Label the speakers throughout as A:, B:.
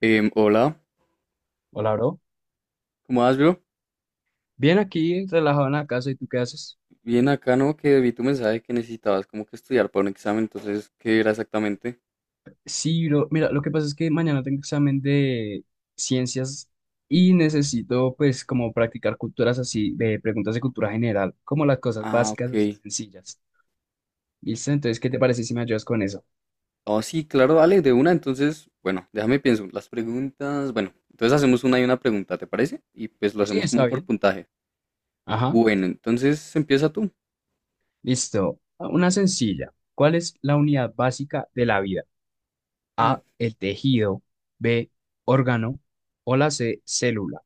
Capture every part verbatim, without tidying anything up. A: Em, hola,
B: Hola, bro.
A: ¿cómo vas, bro?
B: Bien aquí, relajado en la casa, ¿y tú qué haces?
A: Bien acá, ¿no? Que vi tu mensaje que necesitabas como que estudiar para un examen, entonces, ¿qué era exactamente?
B: Sí, bro. Mira, lo que pasa es que mañana tengo examen de ciencias y necesito, pues, como practicar culturas así, de preguntas de cultura general, como las cosas
A: Ah,
B: básicas así
A: ok.
B: sencillas. ¿Listo? Entonces, ¿qué te parece si me ayudas con eso?
A: Oh, sí, claro, dale, de una, entonces, bueno, déjame pienso. Las preguntas, bueno, entonces hacemos una y una pregunta, ¿te parece? Y pues lo
B: Sí,
A: hacemos como
B: está
A: por
B: bien.
A: puntaje.
B: Ajá.
A: Bueno, entonces empieza tú.
B: Listo. Ah, Una sencilla. ¿Cuál es la unidad básica de la vida?
A: Mm,
B: A, el tejido. B, órgano. O la C, célula.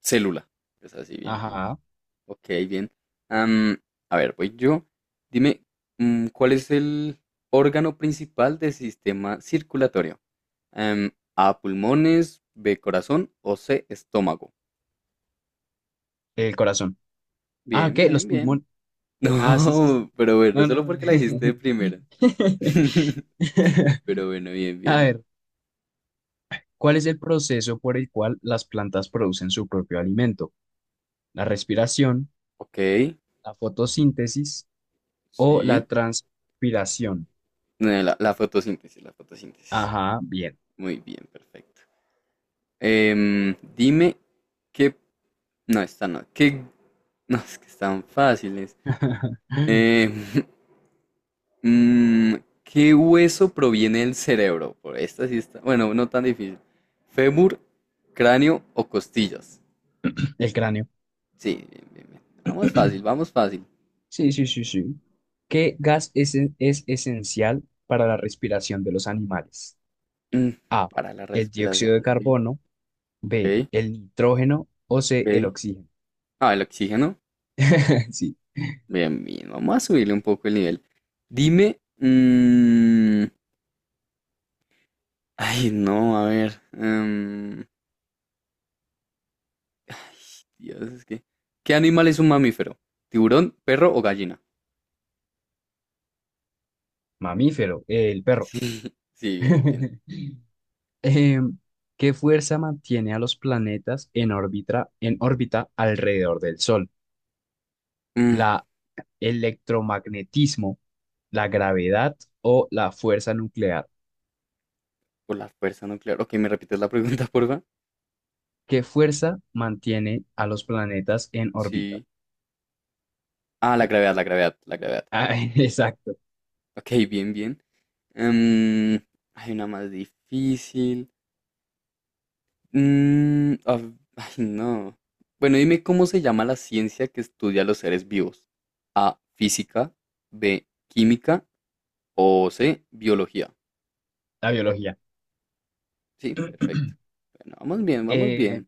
A: célula. Es así, bien, bien.
B: Ajá.
A: Ok, bien. Am, a ver, voy yo. Dime, mm, ¿cuál es el órgano principal del sistema circulatorio? Em, A, pulmones, B, corazón o C, estómago.
B: El corazón. Ah,
A: Bien,
B: ¿qué? Los
A: bien, bien.
B: pulmones. ¿Qué? Ah, sí, sí, sí.
A: No, pero bueno,
B: No,
A: solo
B: no, no.
A: porque la dijiste de primera. Pero bueno, bien,
B: A
A: bien, bien.
B: ver, ¿cuál es el proceso por el cual las plantas producen su propio alimento? ¿La respiración,
A: Ok,
B: la fotosíntesis o la
A: sí.
B: transpiración?
A: Eh, La, la fotosíntesis, la fotosíntesis.
B: Ajá, bien.
A: Muy bien, perfecto. Em, dime qué. No, esta no. ¿Qué? No, es que están fáciles. Em, Mm, ¿qué hueso proviene del cerebro? Por esta sí está. Bueno, no tan difícil. ¿Fémur, cráneo o costillas?
B: El cráneo.
A: Sí, bien, bien, bien. Vamos fácil, vamos fácil.
B: Sí, sí, sí, sí. ¿Qué gas es, es esencial para la respiración de los animales?
A: Mm,
B: A,
A: para la
B: el dióxido
A: respiración,
B: de
A: ok,
B: carbono,
A: ok.
B: B, el nitrógeno o C, el
A: Ok.
B: oxígeno.
A: Ah, el oxígeno.
B: Sí.
A: Bien, bien. Vamos a subirle un poco el nivel. Dime. mm, ay, no, a ver. em, ay, Dios, es que. ¿Qué animal es un mamífero? ¿Tiburón, perro o gallina?
B: Mamífero, eh, el perro.
A: Sí, bien, bien.
B: Em, ¿qué fuerza mantiene a los planetas en órbita, en órbita alrededor del Sol?
A: Mm,
B: ¿La electromagnetismo, la gravedad o la fuerza nuclear?
A: Por la fuerza nuclear. Ok, ¿me repites la pregunta, porfa?
B: ¿Qué fuerza mantiene a los planetas en órbita?
A: Sí. Ah, la gravedad, la gravedad, la gravedad.
B: Ah, exacto,
A: Ok, bien, bien. Em, hay una más difícil. Mm, a v- ay, no. Bueno, dime cómo se llama la ciencia que estudia los seres vivos. A, física, B, química o C, biología.
B: la biología.
A: Sí, perfecto. Bueno, vamos bien, vamos
B: Eh,
A: bien.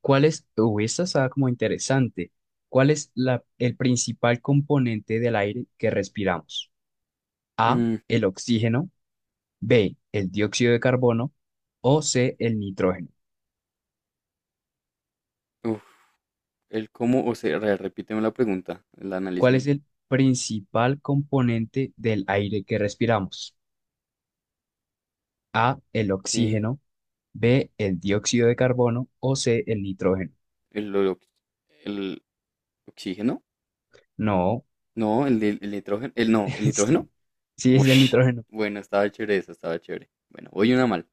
B: ¿cuál es, uh, Esta está como interesante. ¿Cuál es la, el principal componente del aire que respiramos? A,
A: Mm,
B: el oxígeno. B, el dióxido de carbono o C, el nitrógeno.
A: uf, el cómo, o sea, re- repíteme la pregunta, la analizo
B: ¿Cuál es
A: bien.
B: el principal componente del aire que respiramos? A, el
A: Ok,
B: oxígeno, B, el dióxido de carbono o C, el nitrógeno.
A: el, el, ¿oxígeno?
B: No,
A: No, el, del- el nitrógeno. El no, el nitrógeno.
B: sí, sí es el
A: Ush.
B: nitrógeno.
A: Bueno, estaba chévere eso, estaba chévere. Bueno, voy una mal.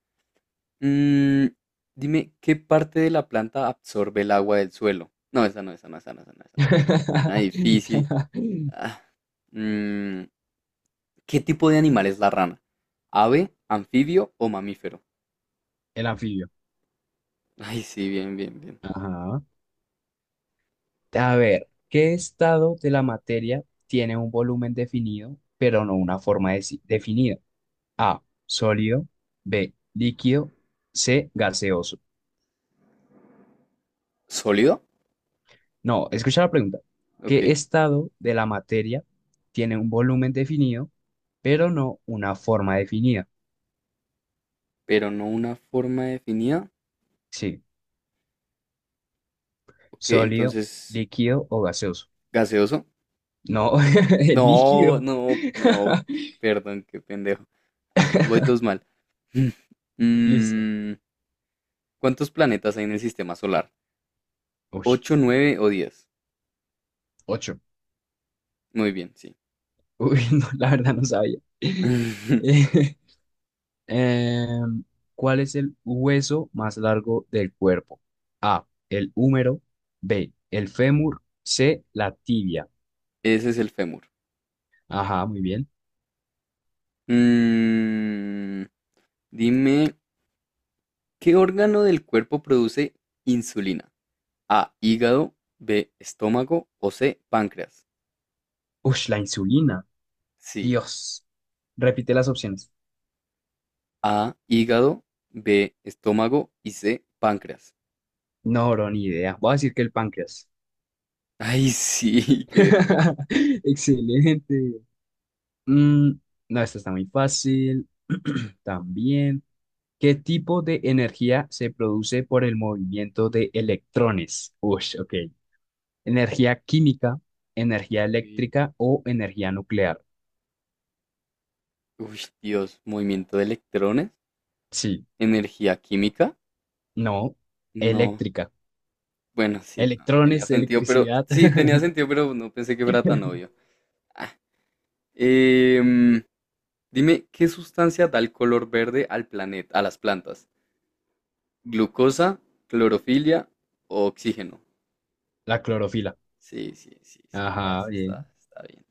A: Mm, dime, ¿qué parte de la planta absorbe el agua del suelo? No, esa no, esa no, esa no, esa no. Esa. No. Una difícil. Ah, mm, ¿qué tipo de animal es la rana? ¿Ave, anfibio o mamífero?
B: El anfibio.
A: Ay, sí, bien, bien, bien.
B: Ajá. A ver, ¿qué estado de la materia tiene un volumen definido, pero no una forma deci- definida? A, sólido. B, líquido. C, gaseoso.
A: ¿Sólido?
B: No, escucha la pregunta.
A: Ok,
B: ¿Qué estado de la materia tiene un volumen definido, pero no una forma definida?
A: pero no una forma definida.
B: Sí,
A: Ok,
B: sólido,
A: entonces,
B: líquido o gaseoso.
A: ¿gaseoso?
B: No, el
A: No,
B: líquido.
A: no, no, perdón, qué pendejo. Ah, voy dos mal.
B: Listo.
A: Mm, ¿cuántos planetas hay en el sistema solar?
B: Uy,
A: ¿Ocho, nueve o diez?
B: ocho.
A: Muy bien, sí.
B: Uy, no, la verdad no sabía. Eh, Em, ¿cuál es el hueso más largo del cuerpo? A, el húmero. B, el fémur. C, la tibia.
A: Ese es el fémur.
B: Ajá, muy bien.
A: Mm, dime, ¿qué órgano del cuerpo produce insulina? A, hígado, B, estómago o C, páncreas.
B: Ush, la insulina.
A: Sí,
B: Dios. Repite las opciones.
A: A, hígado, B, estómago y C, páncreas.
B: No, bro, ni idea. Voy a decir que el páncreas.
A: Ay, sí, qué buena.
B: Excelente. Mm, no, esta está muy fácil. También. ¿Qué tipo de energía se produce por el movimiento de electrones? Ush, ok. Energía química, energía
A: Sí.
B: eléctrica o energía nuclear.
A: Uy, Dios, movimiento de electrones,
B: Sí,
A: energía química.
B: no,
A: No,
B: eléctrica.
A: bueno, sí, no, tenía
B: Electrones,
A: sentido, pero
B: electricidad.
A: sí, tenía sentido, pero no pensé que fuera tan obvio. Ah, em, dime, ¿qué sustancia da el color verde al planeta, a las plantas? ¿Glucosa, clorofilia o oxígeno?
B: La clorofila.
A: Sí, sí, sí, sí, está,
B: Ajá, bien.
A: está, está bien.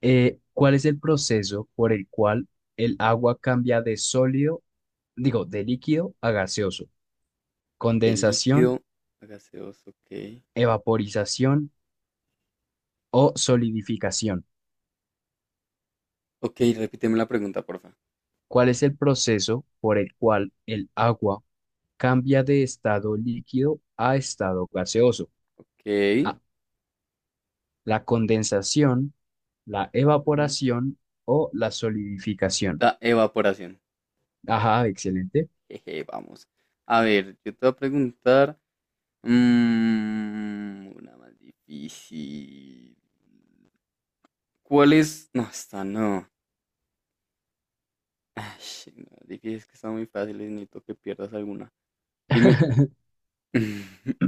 B: Eh, ¿cuál es el proceso por el cual el agua cambia de sólido, digo, de líquido a gaseoso?
A: De
B: Condensación,
A: líquido a gaseoso, ok.
B: evaporización o solidificación.
A: Ok, repíteme la pregunta, porfa.
B: ¿Cuál es el proceso por el cual el agua cambia de estado líquido a estado gaseoso?
A: Ok.
B: A, la condensación, la
A: Ujú.
B: evaporación o la solidificación.
A: La evaporación.
B: Ajá, excelente.
A: Jeje, vamos. A ver, yo te voy a preguntar. mm, una más difícil. ¿Cuál es? No, esta no. Ay, no, difícil es que está muy fácil. Necesito que pierdas alguna. Dime.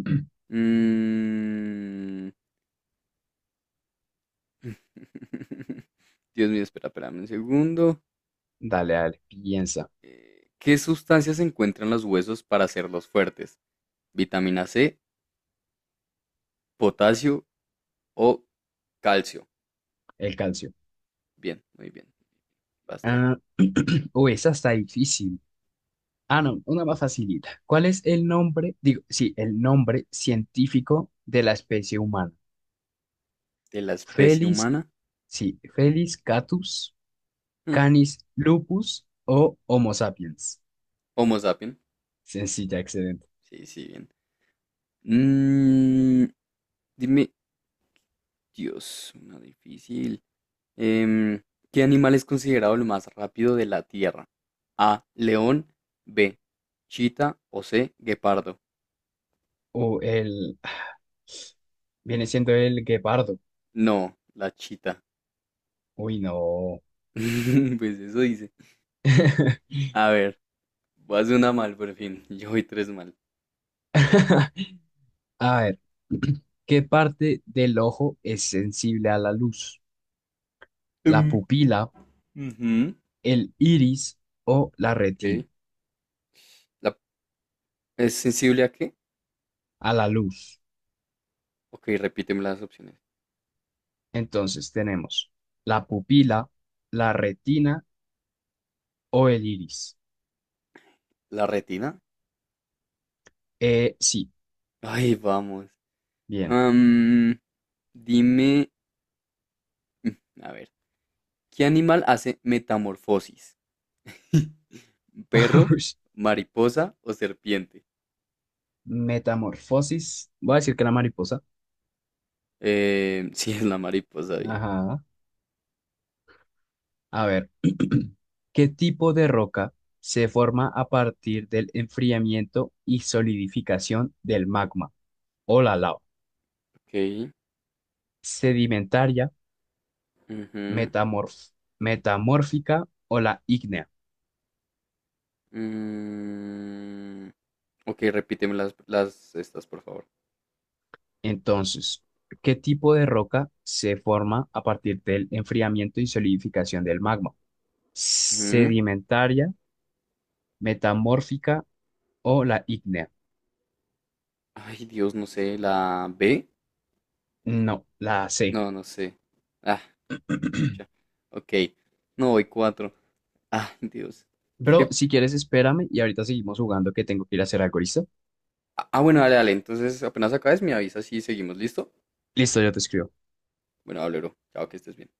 A: Mm, Dios mío, espera, espérame un segundo.
B: Dale, dale, piensa.
A: Eh, ¿Qué sustancias se encuentran en los huesos para hacerlos fuertes? ¿Vitamina C, potasio o calcio?
B: El calcio.
A: Bien, muy bien. Vas tú.
B: Ah, uy, esa está difícil. Ah, no, una más facilita. ¿Cuál es el nombre, digo, sí, el nombre científico de la especie humana?
A: ¿De la especie
B: Felis,
A: humana?
B: sí, Felis catus,
A: Mm,
B: Canis lupus o Homo sapiens.
A: Homo sapien.
B: Sencilla, excelente.
A: Sí, sí, bien. Mm, dime, Dios, una difícil. Em, ¿qué animal es considerado el más rápido de la Tierra? A, león, B, chita o C, guepardo.
B: O el, Viene siendo el guepardo.
A: No, la chita.
B: Uy, no.
A: Pues eso dice. A ver, voy a hacer una mal por fin. Yo voy tres mal.
B: A ver, ¿qué parte del ojo es sensible a la luz?
A: Em,
B: ¿La pupila,
A: ujú,
B: el iris o la
A: ok.
B: retina?
A: La- ¿Es sensible a qué?
B: A la luz.
A: Ok, repíteme las opciones.
B: Entonces tenemos la pupila, la retina o el iris.
A: ¿La retina?
B: Eh, sí,
A: Ay, vamos.
B: bien.
A: Dime, a ver, ¿qué animal hace metamorfosis? ¿Perro,
B: Ush.
A: mariposa o serpiente?
B: Metamorfosis. Voy a decir que la mariposa.
A: Eh, sí, es la mariposa, bien.
B: Ajá. A ver, ¿qué tipo de roca se forma a partir del enfriamiento y solidificación del magma? O la lava,
A: Ok.
B: sedimentaria,
A: Ujú,
B: metamorf- metamórfica o la ígnea.
A: mm, ok, repíteme las, las estas, por favor.
B: Entonces, ¿qué tipo de roca se forma a partir del enfriamiento y solidificación del magma?
A: Ujú.
B: ¿Sedimentaria, metamórfica o la ígnea?
A: Ay, Dios, no sé, ¿la B?
B: No, la C.
A: No, no sé. Ah, escucha. Ok. No, voy cuatro. Ah, Dios.
B: Bro,
A: ¿Qué?
B: si quieres, espérame y ahorita seguimos jugando que tengo que ir a hacer algo, ¿listo?
A: Ah, ah, bueno, dale, dale. Entonces, apenas acabes, me avisas y seguimos. ¿Listo?
B: Listo, yo te escribo.
A: Bueno, hablero. Chao, que estés bien.